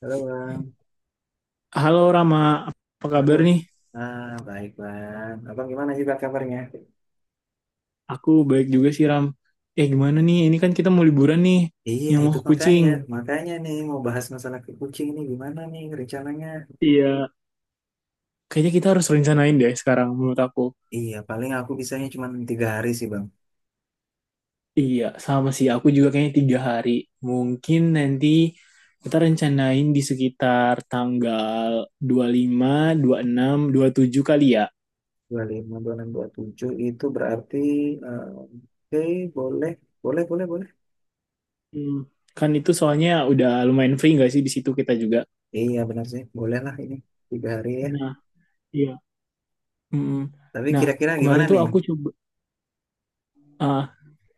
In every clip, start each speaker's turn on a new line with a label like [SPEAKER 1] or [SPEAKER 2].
[SPEAKER 1] Halo Bang,
[SPEAKER 2] Halo Rama, apa kabar
[SPEAKER 1] aduh,
[SPEAKER 2] nih?
[SPEAKER 1] baik Bang, Abang gimana sih Bang kabarnya?
[SPEAKER 2] Aku baik juga sih Ram. Eh, gimana nih? Ini kan kita mau liburan nih,
[SPEAKER 1] Iya
[SPEAKER 2] yang mau
[SPEAKER 1] itu
[SPEAKER 2] ke Kucing.
[SPEAKER 1] makanya nih mau bahas masalah ke Kucing ini gimana nih rencananya?
[SPEAKER 2] Iya. Kayaknya kita harus rencanain deh sekarang menurut aku.
[SPEAKER 1] Iya paling aku bisanya cuma 3 hari sih Bang,
[SPEAKER 2] Iya, sama sih. Aku juga kayaknya 3 hari. Mungkin nanti kita rencanain di sekitar tanggal dua dua puluh puluh lima, 26, 27 kali ya.
[SPEAKER 1] 25, 26, 27 itu berarti, oke boleh, boleh, boleh, boleh.
[SPEAKER 2] Hmm. Kan itu soalnya udah lumayan free nggak sih di situ kita juga?
[SPEAKER 1] Iya benar sih, boleh lah ini 3 hari ya.
[SPEAKER 2] Nah, iya. Mm-mm.
[SPEAKER 1] Tapi
[SPEAKER 2] Nah,
[SPEAKER 1] kira-kira gimana
[SPEAKER 2] kemarin tuh
[SPEAKER 1] nih?
[SPEAKER 2] aku coba, ah,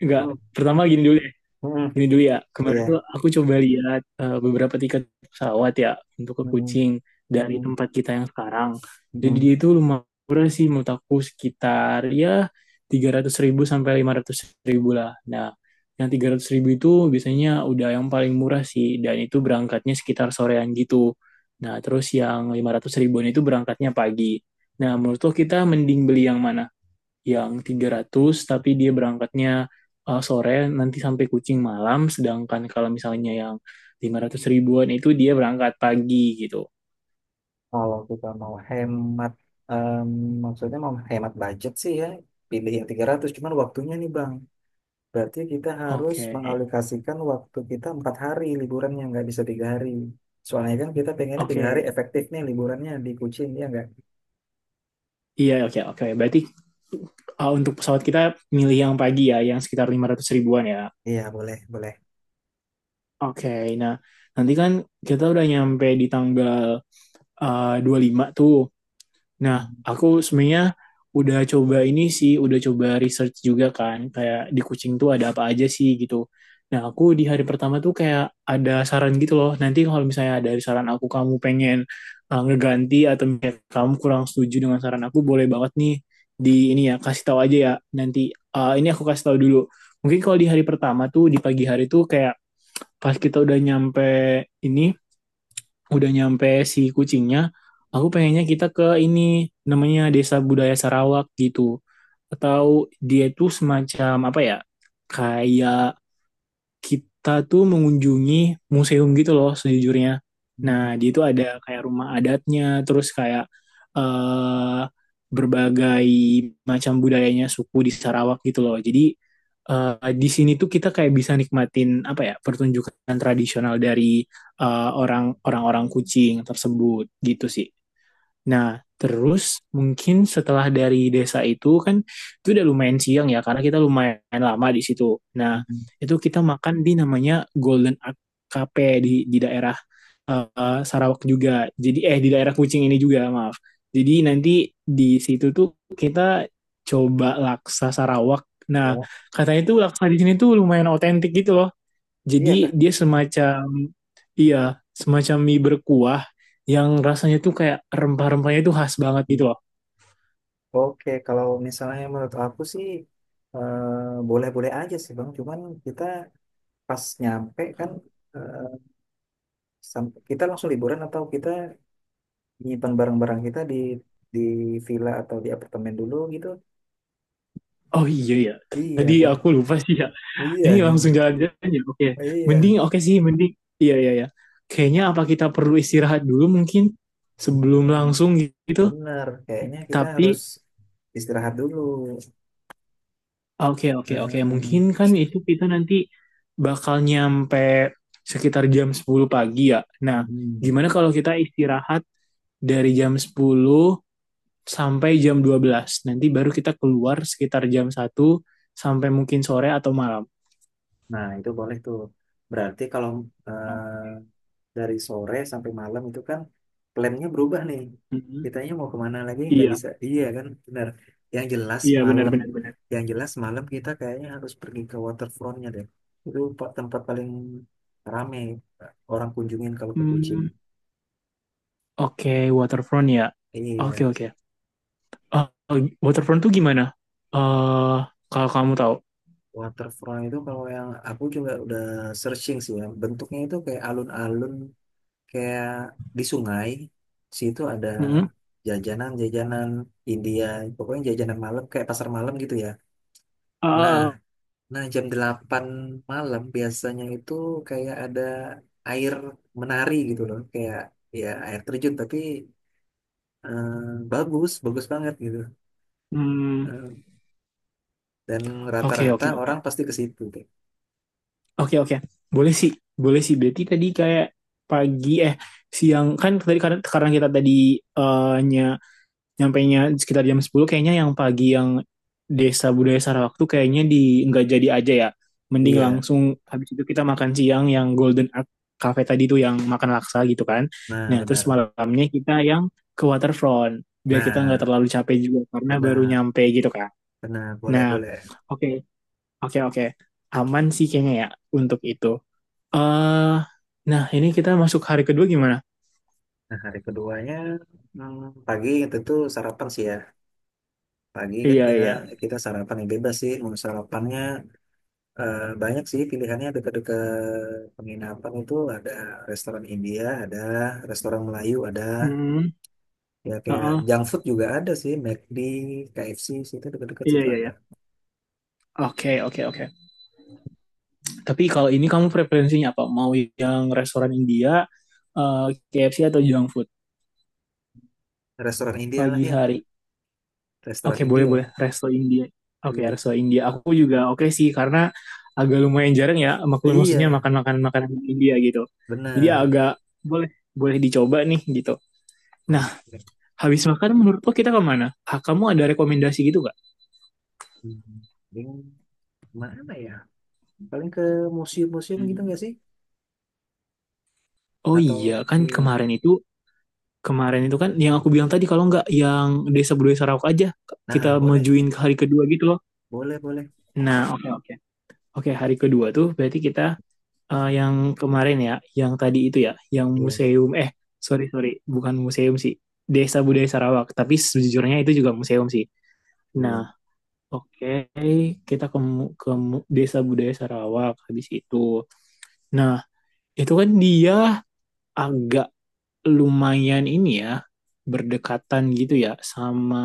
[SPEAKER 2] nggak,
[SPEAKER 1] Hmm,
[SPEAKER 2] pertama gini dulu ya.
[SPEAKER 1] hmm,
[SPEAKER 2] Ini dulu ya, kemarin
[SPEAKER 1] iya.
[SPEAKER 2] tuh aku coba lihat beberapa tiket pesawat ya untuk ke
[SPEAKER 1] Hmm, hmm,
[SPEAKER 2] Kucing dari
[SPEAKER 1] hmm,
[SPEAKER 2] tempat kita yang sekarang. Jadi
[SPEAKER 1] hmm.
[SPEAKER 2] dia itu lumayan murah sih menurut aku sekitar ya 300 ribu sampai 500 ribu lah. Nah, yang 300 ribu itu biasanya udah yang paling murah sih dan itu berangkatnya sekitar sorean gitu. Nah, terus yang 500 ribuan itu berangkatnya pagi. Nah, menurut lo kita mending beli yang mana? Yang 300 tapi dia berangkatnya sore nanti sampai Kucing malam, sedangkan kalau misalnya yang 500 ribuan itu dia berangkat pagi gitu.
[SPEAKER 1] Kalau kita mau hemat, em, maksudnya mau hemat budget sih ya, pilih yang 300. Cuman waktunya nih Bang. Berarti kita harus
[SPEAKER 2] Oke.
[SPEAKER 1] mengalokasikan waktu kita 4 hari liburannya, nggak bisa 3 hari. Soalnya kan kita pengennya 3 hari
[SPEAKER 2] Oke.
[SPEAKER 1] efektif nih liburannya di Kucing, ya nggak?
[SPEAKER 2] Iya, oke, oke. Berarti untuk pesawat kita milih yang pagi ya, yang sekitar 500 ribuan ya.
[SPEAKER 1] Iya, boleh, boleh.
[SPEAKER 2] Oke. Nah, nanti kan kita udah nyampe di tanggal 25 tuh. Nah, aku sebenarnya udah coba ini sih, udah coba research juga kan, kayak di kucing tuh ada apa aja sih gitu. Nah, aku di hari pertama tuh kayak ada saran gitu loh. Nanti kalau misalnya ada saran aku kamu pengen ngeganti atau misalnya kamu kurang setuju dengan saran aku, boleh banget nih di ini ya kasih tahu aja ya. Nanti ini aku kasih tahu dulu. Mungkin kalau di hari pertama tuh di pagi hari tuh kayak pas kita udah nyampe ini, udah nyampe si kucingnya, aku pengennya kita ke ini, namanya Desa Budaya Sarawak gitu. Atau dia itu semacam apa ya? Kayak kita tuh mengunjungi museum gitu loh sejujurnya. Nah, di itu ada kayak rumah adatnya, terus kayak eh berbagai macam budayanya suku di Sarawak gitu loh. Jadi di sini tuh kita kayak bisa nikmatin apa ya pertunjukan tradisional dari orang-orang Kucing tersebut gitu sih. Nah, terus mungkin setelah dari desa itu kan itu udah lumayan siang ya karena kita lumayan lama di situ. Nah, itu kita makan di, namanya Golden Ark Cafe di daerah Sarawak juga. Jadi di daerah Kucing ini juga, maaf. Jadi nanti di situ tuh kita coba laksa Sarawak. Nah,
[SPEAKER 1] Ya.
[SPEAKER 2] katanya tuh laksa di sini tuh lumayan otentik gitu loh.
[SPEAKER 1] Iya Kak.
[SPEAKER 2] Jadi dia semacam, iya, semacam mie berkuah yang rasanya tuh kayak rempah-rempahnya tuh khas banget gitu loh.
[SPEAKER 1] Oke, kalau misalnya menurut aku sih boleh-boleh aja sih Bang, cuman kita pas nyampe kan eh, kita langsung liburan atau kita nyimpan barang-barang kita di villa atau di apartemen dulu gitu?
[SPEAKER 2] Oh iya ya.
[SPEAKER 1] Iya
[SPEAKER 2] Tadi
[SPEAKER 1] kan?
[SPEAKER 2] aku lupa sih ya.
[SPEAKER 1] Iya
[SPEAKER 2] Ini
[SPEAKER 1] kan?
[SPEAKER 2] langsung jalan-jalan ya. Oke.
[SPEAKER 1] Iya.
[SPEAKER 2] Mending, oke sih, mending. Iya, iya ya. Kayaknya apa kita perlu istirahat dulu mungkin sebelum
[SPEAKER 1] Iya,
[SPEAKER 2] langsung gitu.
[SPEAKER 1] benar. Kayaknya kita harus
[SPEAKER 2] Tapi
[SPEAKER 1] istirahat dulu.
[SPEAKER 2] oke, oke, oke, mungkin
[SPEAKER 1] Ah,
[SPEAKER 2] kan itu kita nanti bakal nyampe sekitar jam 10 pagi ya. Nah,
[SPEAKER 1] mm-mm.
[SPEAKER 2] gimana kalau kita istirahat dari jam 10 sampai jam 12? Nanti baru kita keluar sekitar jam 1 sampai mungkin sore atau malam.
[SPEAKER 1] Nah, itu boleh tuh. Berarti kalau
[SPEAKER 2] Oh.
[SPEAKER 1] dari sore sampai malam itu kan plannya berubah nih.
[SPEAKER 2] Mhm.
[SPEAKER 1] Kitanya mau kemana lagi nggak
[SPEAKER 2] Iya,
[SPEAKER 1] bisa. Iya kan, benar. Yang jelas
[SPEAKER 2] iya,
[SPEAKER 1] malam,
[SPEAKER 2] benar-benar benar, benar, benar.
[SPEAKER 1] yang jelas malam kita kayaknya harus pergi ke waterfrontnya deh. Itu tempat paling rame orang kunjungin kalau ke Kucing.
[SPEAKER 2] Hmm, oke, waterfront ya. Oke,
[SPEAKER 1] Iya,
[SPEAKER 2] oke. Oh, oh, waterfront tuh gimana? Eh, kalau kamu tahu.
[SPEAKER 1] waterfront itu kalau yang aku juga udah searching sih ya. Bentuknya itu kayak alun-alun, kayak di sungai. Di situ ada
[SPEAKER 2] Mhm.
[SPEAKER 1] jajanan-jajanan India, pokoknya jajanan malam kayak pasar malam gitu ya. Nah,
[SPEAKER 2] Ah,
[SPEAKER 1] nah, jam 8 malam biasanya itu kayak ada air menari gitu loh, kayak ya air terjun tapi eh, bagus, bagus banget gitu.
[SPEAKER 2] hmm,
[SPEAKER 1] Eh, dan
[SPEAKER 2] Oke,
[SPEAKER 1] rata-rata
[SPEAKER 2] oke, oke.
[SPEAKER 1] orang pasti ke situ deh.
[SPEAKER 2] Oke, oke. Boleh sih. Boleh sih. Berarti tadi kayak pagi, eh, siang kan tadi, karena kita tadi eh, nyampainya sekitar jam 10, kayaknya yang pagi yang desa budaya Sarawak tuh kayaknya di, nggak jadi aja ya. Mending
[SPEAKER 1] Iya,
[SPEAKER 2] langsung habis itu kita makan siang yang Golden Art Cafe tadi tuh yang makan laksa gitu kan.
[SPEAKER 1] nah
[SPEAKER 2] Nah, terus
[SPEAKER 1] benar.
[SPEAKER 2] malamnya kita yang ke waterfront biar kita nggak
[SPEAKER 1] Nah,
[SPEAKER 2] terlalu capek juga karena baru
[SPEAKER 1] benar.
[SPEAKER 2] nyampe gitu kan.
[SPEAKER 1] Benar, boleh,
[SPEAKER 2] Nah,
[SPEAKER 1] boleh.
[SPEAKER 2] oke, oke, oke. Aman sih kayaknya ya untuk itu. Eh, nah ini kita masuk hari kedua gimana?
[SPEAKER 1] Nah, hari keduanya pagi tentu sarapan sih ya. Pagi kan
[SPEAKER 2] Iya,
[SPEAKER 1] kita
[SPEAKER 2] iya.
[SPEAKER 1] kita sarapan yang bebas sih, mau sarapannya. Banyak sih pilihannya dekat-dekat penginapan itu ada restoran India, ada restoran Melayu, ada
[SPEAKER 2] Hmm,
[SPEAKER 1] ya kayak
[SPEAKER 2] uh-uh.
[SPEAKER 1] junk food juga ada sih, McD, KFC situ dekat-dekat
[SPEAKER 2] Iya,
[SPEAKER 1] situ
[SPEAKER 2] iya,
[SPEAKER 1] ada.
[SPEAKER 2] iya. Oke, oke, oke. Tapi kalau ini kamu preferensinya apa? Mau yang restoran India, eh, KFC atau junk food
[SPEAKER 1] Restoran India lah
[SPEAKER 2] pagi
[SPEAKER 1] ya,
[SPEAKER 2] hari?
[SPEAKER 1] restoran
[SPEAKER 2] Oke, boleh,
[SPEAKER 1] India
[SPEAKER 2] boleh
[SPEAKER 1] ya.
[SPEAKER 2] resto India. Oke,
[SPEAKER 1] Iya.
[SPEAKER 2] resto India. Aku juga oke sih karena agak lumayan jarang ya, maklum, maksudnya
[SPEAKER 1] Iya,
[SPEAKER 2] makan-makan makanan India gitu. Jadi
[SPEAKER 1] benar.
[SPEAKER 2] agak, boleh, boleh dicoba nih gitu. Nah,
[SPEAKER 1] Oke.
[SPEAKER 2] habis makan menurut lo kita kemana? Ah, kamu ada rekomendasi gitu gak?
[SPEAKER 1] Hmm. Paling Mana ya? Paling ke museum-museum gitu nggak sih?
[SPEAKER 2] Hmm. Oh
[SPEAKER 1] Atau
[SPEAKER 2] iya, kan
[SPEAKER 1] iya.
[SPEAKER 2] kemarin itu, kan yang aku bilang tadi kalau nggak yang desa budaya Sarawak aja kita
[SPEAKER 1] Nah, boleh,
[SPEAKER 2] majuin ke hari kedua gitu loh.
[SPEAKER 1] boleh, boleh.
[SPEAKER 2] Nah, oke, oke. Oke, hari kedua tuh berarti kita yang kemarin ya, yang tadi itu ya, yang
[SPEAKER 1] Iya,
[SPEAKER 2] museum, sorry, sorry, bukan museum sih. Desa Budaya Sarawak, tapi sejujurnya itu juga museum sih.
[SPEAKER 1] iya.
[SPEAKER 2] Nah, oke, kita ke Desa Budaya Sarawak habis itu. Nah, itu kan dia agak lumayan ini ya, berdekatan gitu ya sama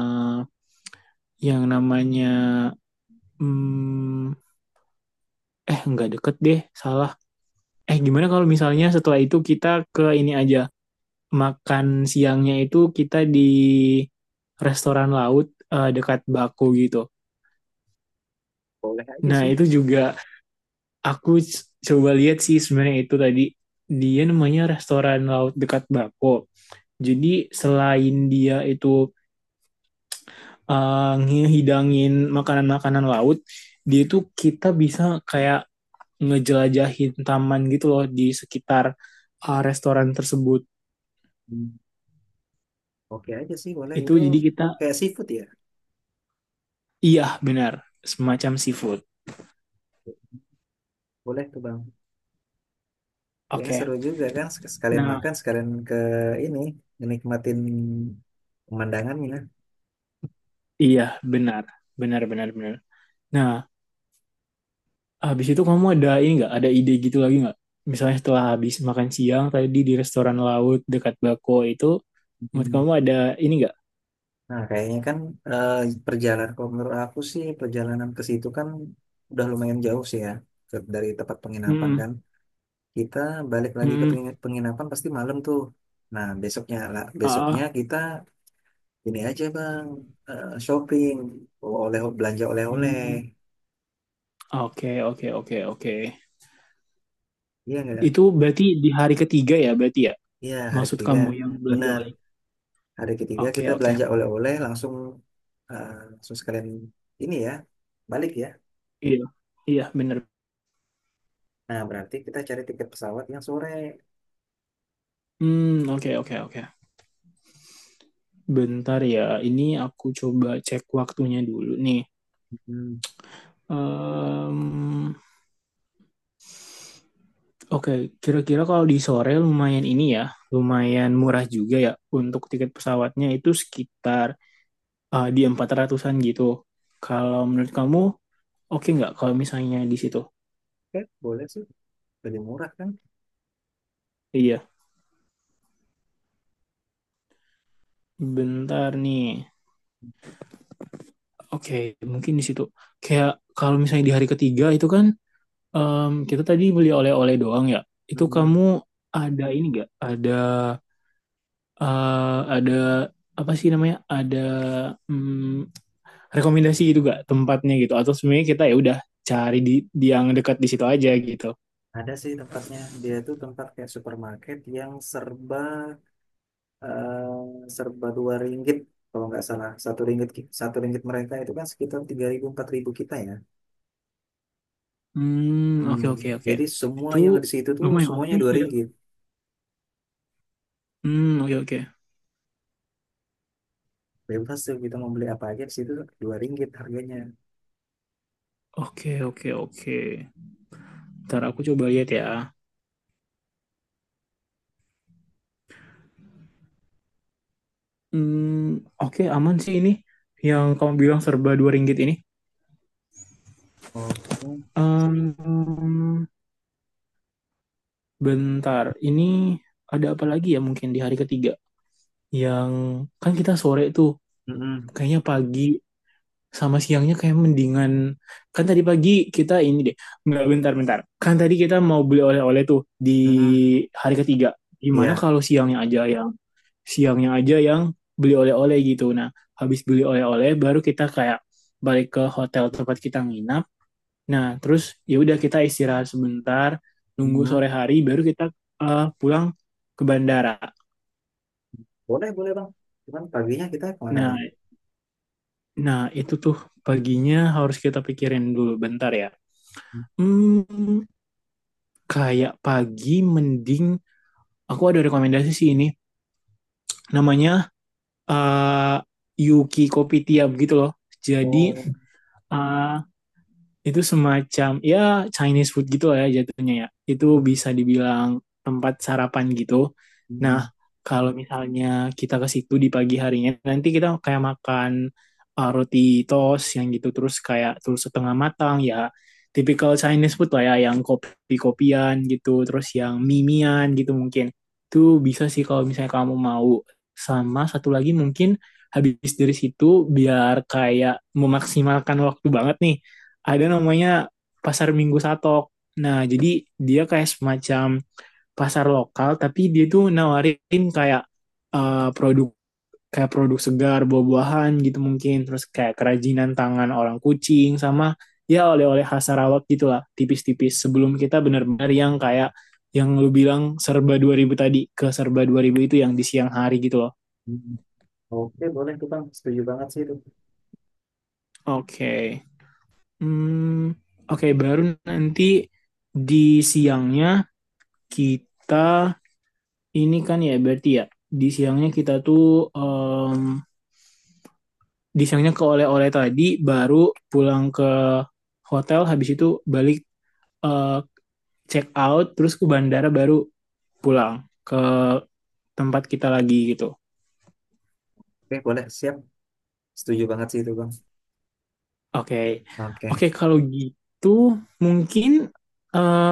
[SPEAKER 2] yang namanya, hmm, nggak deket deh, salah. Gimana kalau misalnya setelah itu kita ke ini aja, makan siangnya itu kita di restoran laut dekat Baku gitu.
[SPEAKER 1] Boleh aja
[SPEAKER 2] Nah
[SPEAKER 1] sih.
[SPEAKER 2] itu juga aku coba lihat sih sebenarnya itu tadi, dia namanya restoran laut dekat Baku. Jadi selain dia itu ngehidangin makanan-makanan laut, dia itu kita bisa kayak ngejelajahin taman gitu loh di sekitar restoran tersebut.
[SPEAKER 1] Hmm. Oke aja sih, boleh.
[SPEAKER 2] Itu
[SPEAKER 1] Itu
[SPEAKER 2] jadi kita,
[SPEAKER 1] kayak seafood ya?
[SPEAKER 2] iya, benar. Semacam seafood.
[SPEAKER 1] Boleh tuh Bang. Kayaknya
[SPEAKER 2] Oke.
[SPEAKER 1] seru juga kan sekalian
[SPEAKER 2] Nah,
[SPEAKER 1] makan, sekalian ke ini, menikmatin pemandangannya.
[SPEAKER 2] iya, benar. Benar, benar, benar. Nah, habis itu kamu ada ini nggak? Ada ide gitu lagi nggak? Misalnya setelah habis makan siang tadi di restoran laut dekat Bako itu, menurut
[SPEAKER 1] Hmm.
[SPEAKER 2] kamu ada ini nggak?
[SPEAKER 1] Nah, kayaknya kan eh, perjalanan kalau menurut aku sih perjalanan ke situ kan udah lumayan jauh sih ya dari tempat penginapan
[SPEAKER 2] Hmm,
[SPEAKER 1] kan. Kita balik lagi ke
[SPEAKER 2] hmm,
[SPEAKER 1] penginapan pasti malam tuh. Nah, besoknya lah, besoknya
[SPEAKER 2] ah,
[SPEAKER 1] kita ini aja Bang, shopping, belanja oleh-oleh.
[SPEAKER 2] hmm. Oke, oke, oke, oke.
[SPEAKER 1] Iya enggak?
[SPEAKER 2] Itu berarti di hari ketiga ya, berarti ya?
[SPEAKER 1] Iya, hari
[SPEAKER 2] Maksud
[SPEAKER 1] ketiga.
[SPEAKER 2] kamu yang belanja
[SPEAKER 1] Benar.
[SPEAKER 2] online?
[SPEAKER 1] Hari ketiga kita
[SPEAKER 2] Oke, oke.
[SPEAKER 1] belanja oleh-oleh langsung langsung sekalian ini ya balik ya.
[SPEAKER 2] Iya, iya, benar.
[SPEAKER 1] Nah berarti kita cari tiket pesawat yang sore.
[SPEAKER 2] Hmm, oke, oke, oke. Bentar ya, ini aku coba cek waktunya dulu nih.
[SPEAKER 1] Mm,
[SPEAKER 2] Em, Oke, okay. Kira-kira kalau di sore lumayan ini ya, lumayan murah juga ya untuk tiket pesawatnya itu sekitar di 400-an gitu. Kalau menurut kamu, oke okay nggak kalau misalnya di situ?
[SPEAKER 1] Oke, boleh sih. Lebih murah kan?
[SPEAKER 2] Iya, bentar nih. Oke, okay, mungkin di situ. Kayak kalau misalnya di hari ketiga itu kan kita tadi beli oleh-oleh doang ya. Itu
[SPEAKER 1] Mm-mm.
[SPEAKER 2] kamu ada ini nggak? Eh, ada apa sih namanya? Ada, mm, rekomendasi gitu gak tempatnya gitu? Atau sebenarnya kita ya udah cari di yang dekat di situ aja gitu.
[SPEAKER 1] Ada sih tempatnya. Dia tuh tempat kayak supermarket yang serba 2 ringgit kalau nggak salah. Satu ringgit mereka itu kan sekitar 3 ribu 4 ribu kita ya.
[SPEAKER 2] Hmm,
[SPEAKER 1] Hmm.
[SPEAKER 2] oke, oke, oke.
[SPEAKER 1] Jadi semua
[SPEAKER 2] Itu
[SPEAKER 1] yang di situ tuh
[SPEAKER 2] lumayan oke
[SPEAKER 1] semuanya dua
[SPEAKER 2] sih ya.
[SPEAKER 1] ringgit.
[SPEAKER 2] Hmm, oke, oke.
[SPEAKER 1] Bebas tuh kita mau beli apa aja di situ 2 ringgit harganya.
[SPEAKER 2] Oke, oke, oke. Ntar aku coba lihat ya. Hmm, oke, aman sih ini yang kamu bilang serba 2 ringgit ini.
[SPEAKER 1] Oke. Sih.
[SPEAKER 2] Em, bentar, ini ada apa lagi ya mungkin di hari ketiga? Yang kan kita sore tuh
[SPEAKER 1] Mm-mm.
[SPEAKER 2] kayaknya pagi sama siangnya kayak mendingan, kan tadi pagi kita ini deh, nggak, bentar, bentar, kan tadi kita mau beli oleh-oleh tuh di
[SPEAKER 1] Mm-mm.
[SPEAKER 2] hari ketiga, gimana
[SPEAKER 1] Iya.
[SPEAKER 2] kalau siangnya aja yang, siangnya aja yang beli oleh-oleh gitu, nah habis beli oleh-oleh baru kita kayak balik ke hotel tempat kita nginap. Nah terus ya udah kita istirahat sebentar nunggu
[SPEAKER 1] Mm-mm.
[SPEAKER 2] sore hari, baru kita pulang ke bandara.
[SPEAKER 1] Boleh, boleh Bang. Cuman paginya kita kemana
[SPEAKER 2] Nah,
[SPEAKER 1] nih?
[SPEAKER 2] nah itu tuh paginya harus kita pikirin dulu bentar ya. Hmm, kayak pagi mending, aku ada rekomendasi sih ini. Namanya eh, Yuki Kopitiam gitu loh. Jadi
[SPEAKER 1] Oh.
[SPEAKER 2] eh, itu semacam ya Chinese food gitu lah ya jatuhnya ya. Itu
[SPEAKER 1] Mm,
[SPEAKER 2] bisa dibilang tempat sarapan gitu.
[SPEAKER 1] mm,
[SPEAKER 2] Nah, kalau misalnya kita ke situ di pagi harinya, nanti kita kayak makan roti toast yang gitu terus kayak, terus setengah matang ya. Typical Chinese food lah ya, yang kopi-kopian gitu, terus yang mimian gitu mungkin. Itu bisa sih kalau misalnya kamu mau. Sama satu lagi mungkin habis dari situ, biar kayak memaksimalkan waktu banget nih, ada namanya pasar Minggu Satok. Nah, jadi dia kayak semacam pasar lokal, tapi dia tuh nawarin kayak produk, kayak produk segar, buah-buahan gitu mungkin, terus kayak kerajinan tangan orang kucing sama ya oleh-oleh khas Sarawak gitu lah, tipis-tipis sebelum kita benar-benar yang kayak yang lu bilang serba 2000 tadi, ke serba 2000 itu yang di siang hari gitu loh.
[SPEAKER 1] mm. Oke, boleh tuh Bang. Setuju banget sih itu.
[SPEAKER 2] Oke. Okay. Hmm, oke, okay, baru nanti di siangnya kita, ini kan ya berarti ya, di siangnya kita tuh em, di siangnya ke oleh-oleh tadi, baru pulang ke hotel, habis itu balik, eh, check out terus ke bandara, baru pulang ke tempat kita lagi gitu.
[SPEAKER 1] Oke, boleh. Siap. Setuju banget sih itu Bang.
[SPEAKER 2] Oke.
[SPEAKER 1] Oke.
[SPEAKER 2] Oke kalau gitu mungkin eh,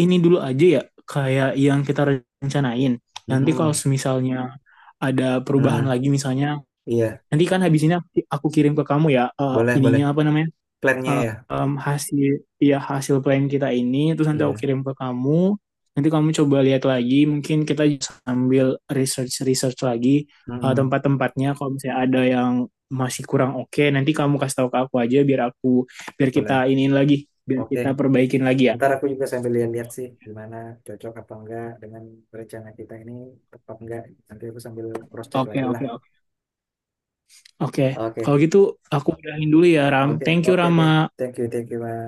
[SPEAKER 2] ini dulu aja ya kayak yang kita rencanain. Nanti kalau
[SPEAKER 1] Mm-mm.
[SPEAKER 2] semisalnya ada perubahan
[SPEAKER 1] Mm-mm.
[SPEAKER 2] lagi misalnya,
[SPEAKER 1] Iya,
[SPEAKER 2] nanti kan habis ini aku kirim ke kamu ya,
[SPEAKER 1] boleh, boleh.
[SPEAKER 2] ininya apa namanya,
[SPEAKER 1] Plannya ya?
[SPEAKER 2] hasil, ya hasil plan kita ini, terus nanti aku
[SPEAKER 1] Iya.
[SPEAKER 2] kirim ke kamu, nanti kamu coba lihat lagi, mungkin kita sambil research research lagi
[SPEAKER 1] Mm-mm.
[SPEAKER 2] tempat-tempatnya, kalau misalnya ada yang masih kurang oke nanti kamu kasih tahu ke aku aja biar aku, biar kita
[SPEAKER 1] Boleh.
[SPEAKER 2] iniin lagi, biar
[SPEAKER 1] Oke.
[SPEAKER 2] kita perbaikin lagi ya.
[SPEAKER 1] Ntar aku juga sambil lihat-lihat sih gimana cocok apa enggak dengan rencana kita ini tepat enggak. Nanti aku sambil cross-check
[SPEAKER 2] Oke,
[SPEAKER 1] lagi lah.
[SPEAKER 2] oke, oke. Oke kalau
[SPEAKER 1] Oke.
[SPEAKER 2] gitu aku udahin dulu ya Ram,
[SPEAKER 1] Oke,
[SPEAKER 2] thank you
[SPEAKER 1] oke, oke.
[SPEAKER 2] Rama.
[SPEAKER 1] Thank you, Mas.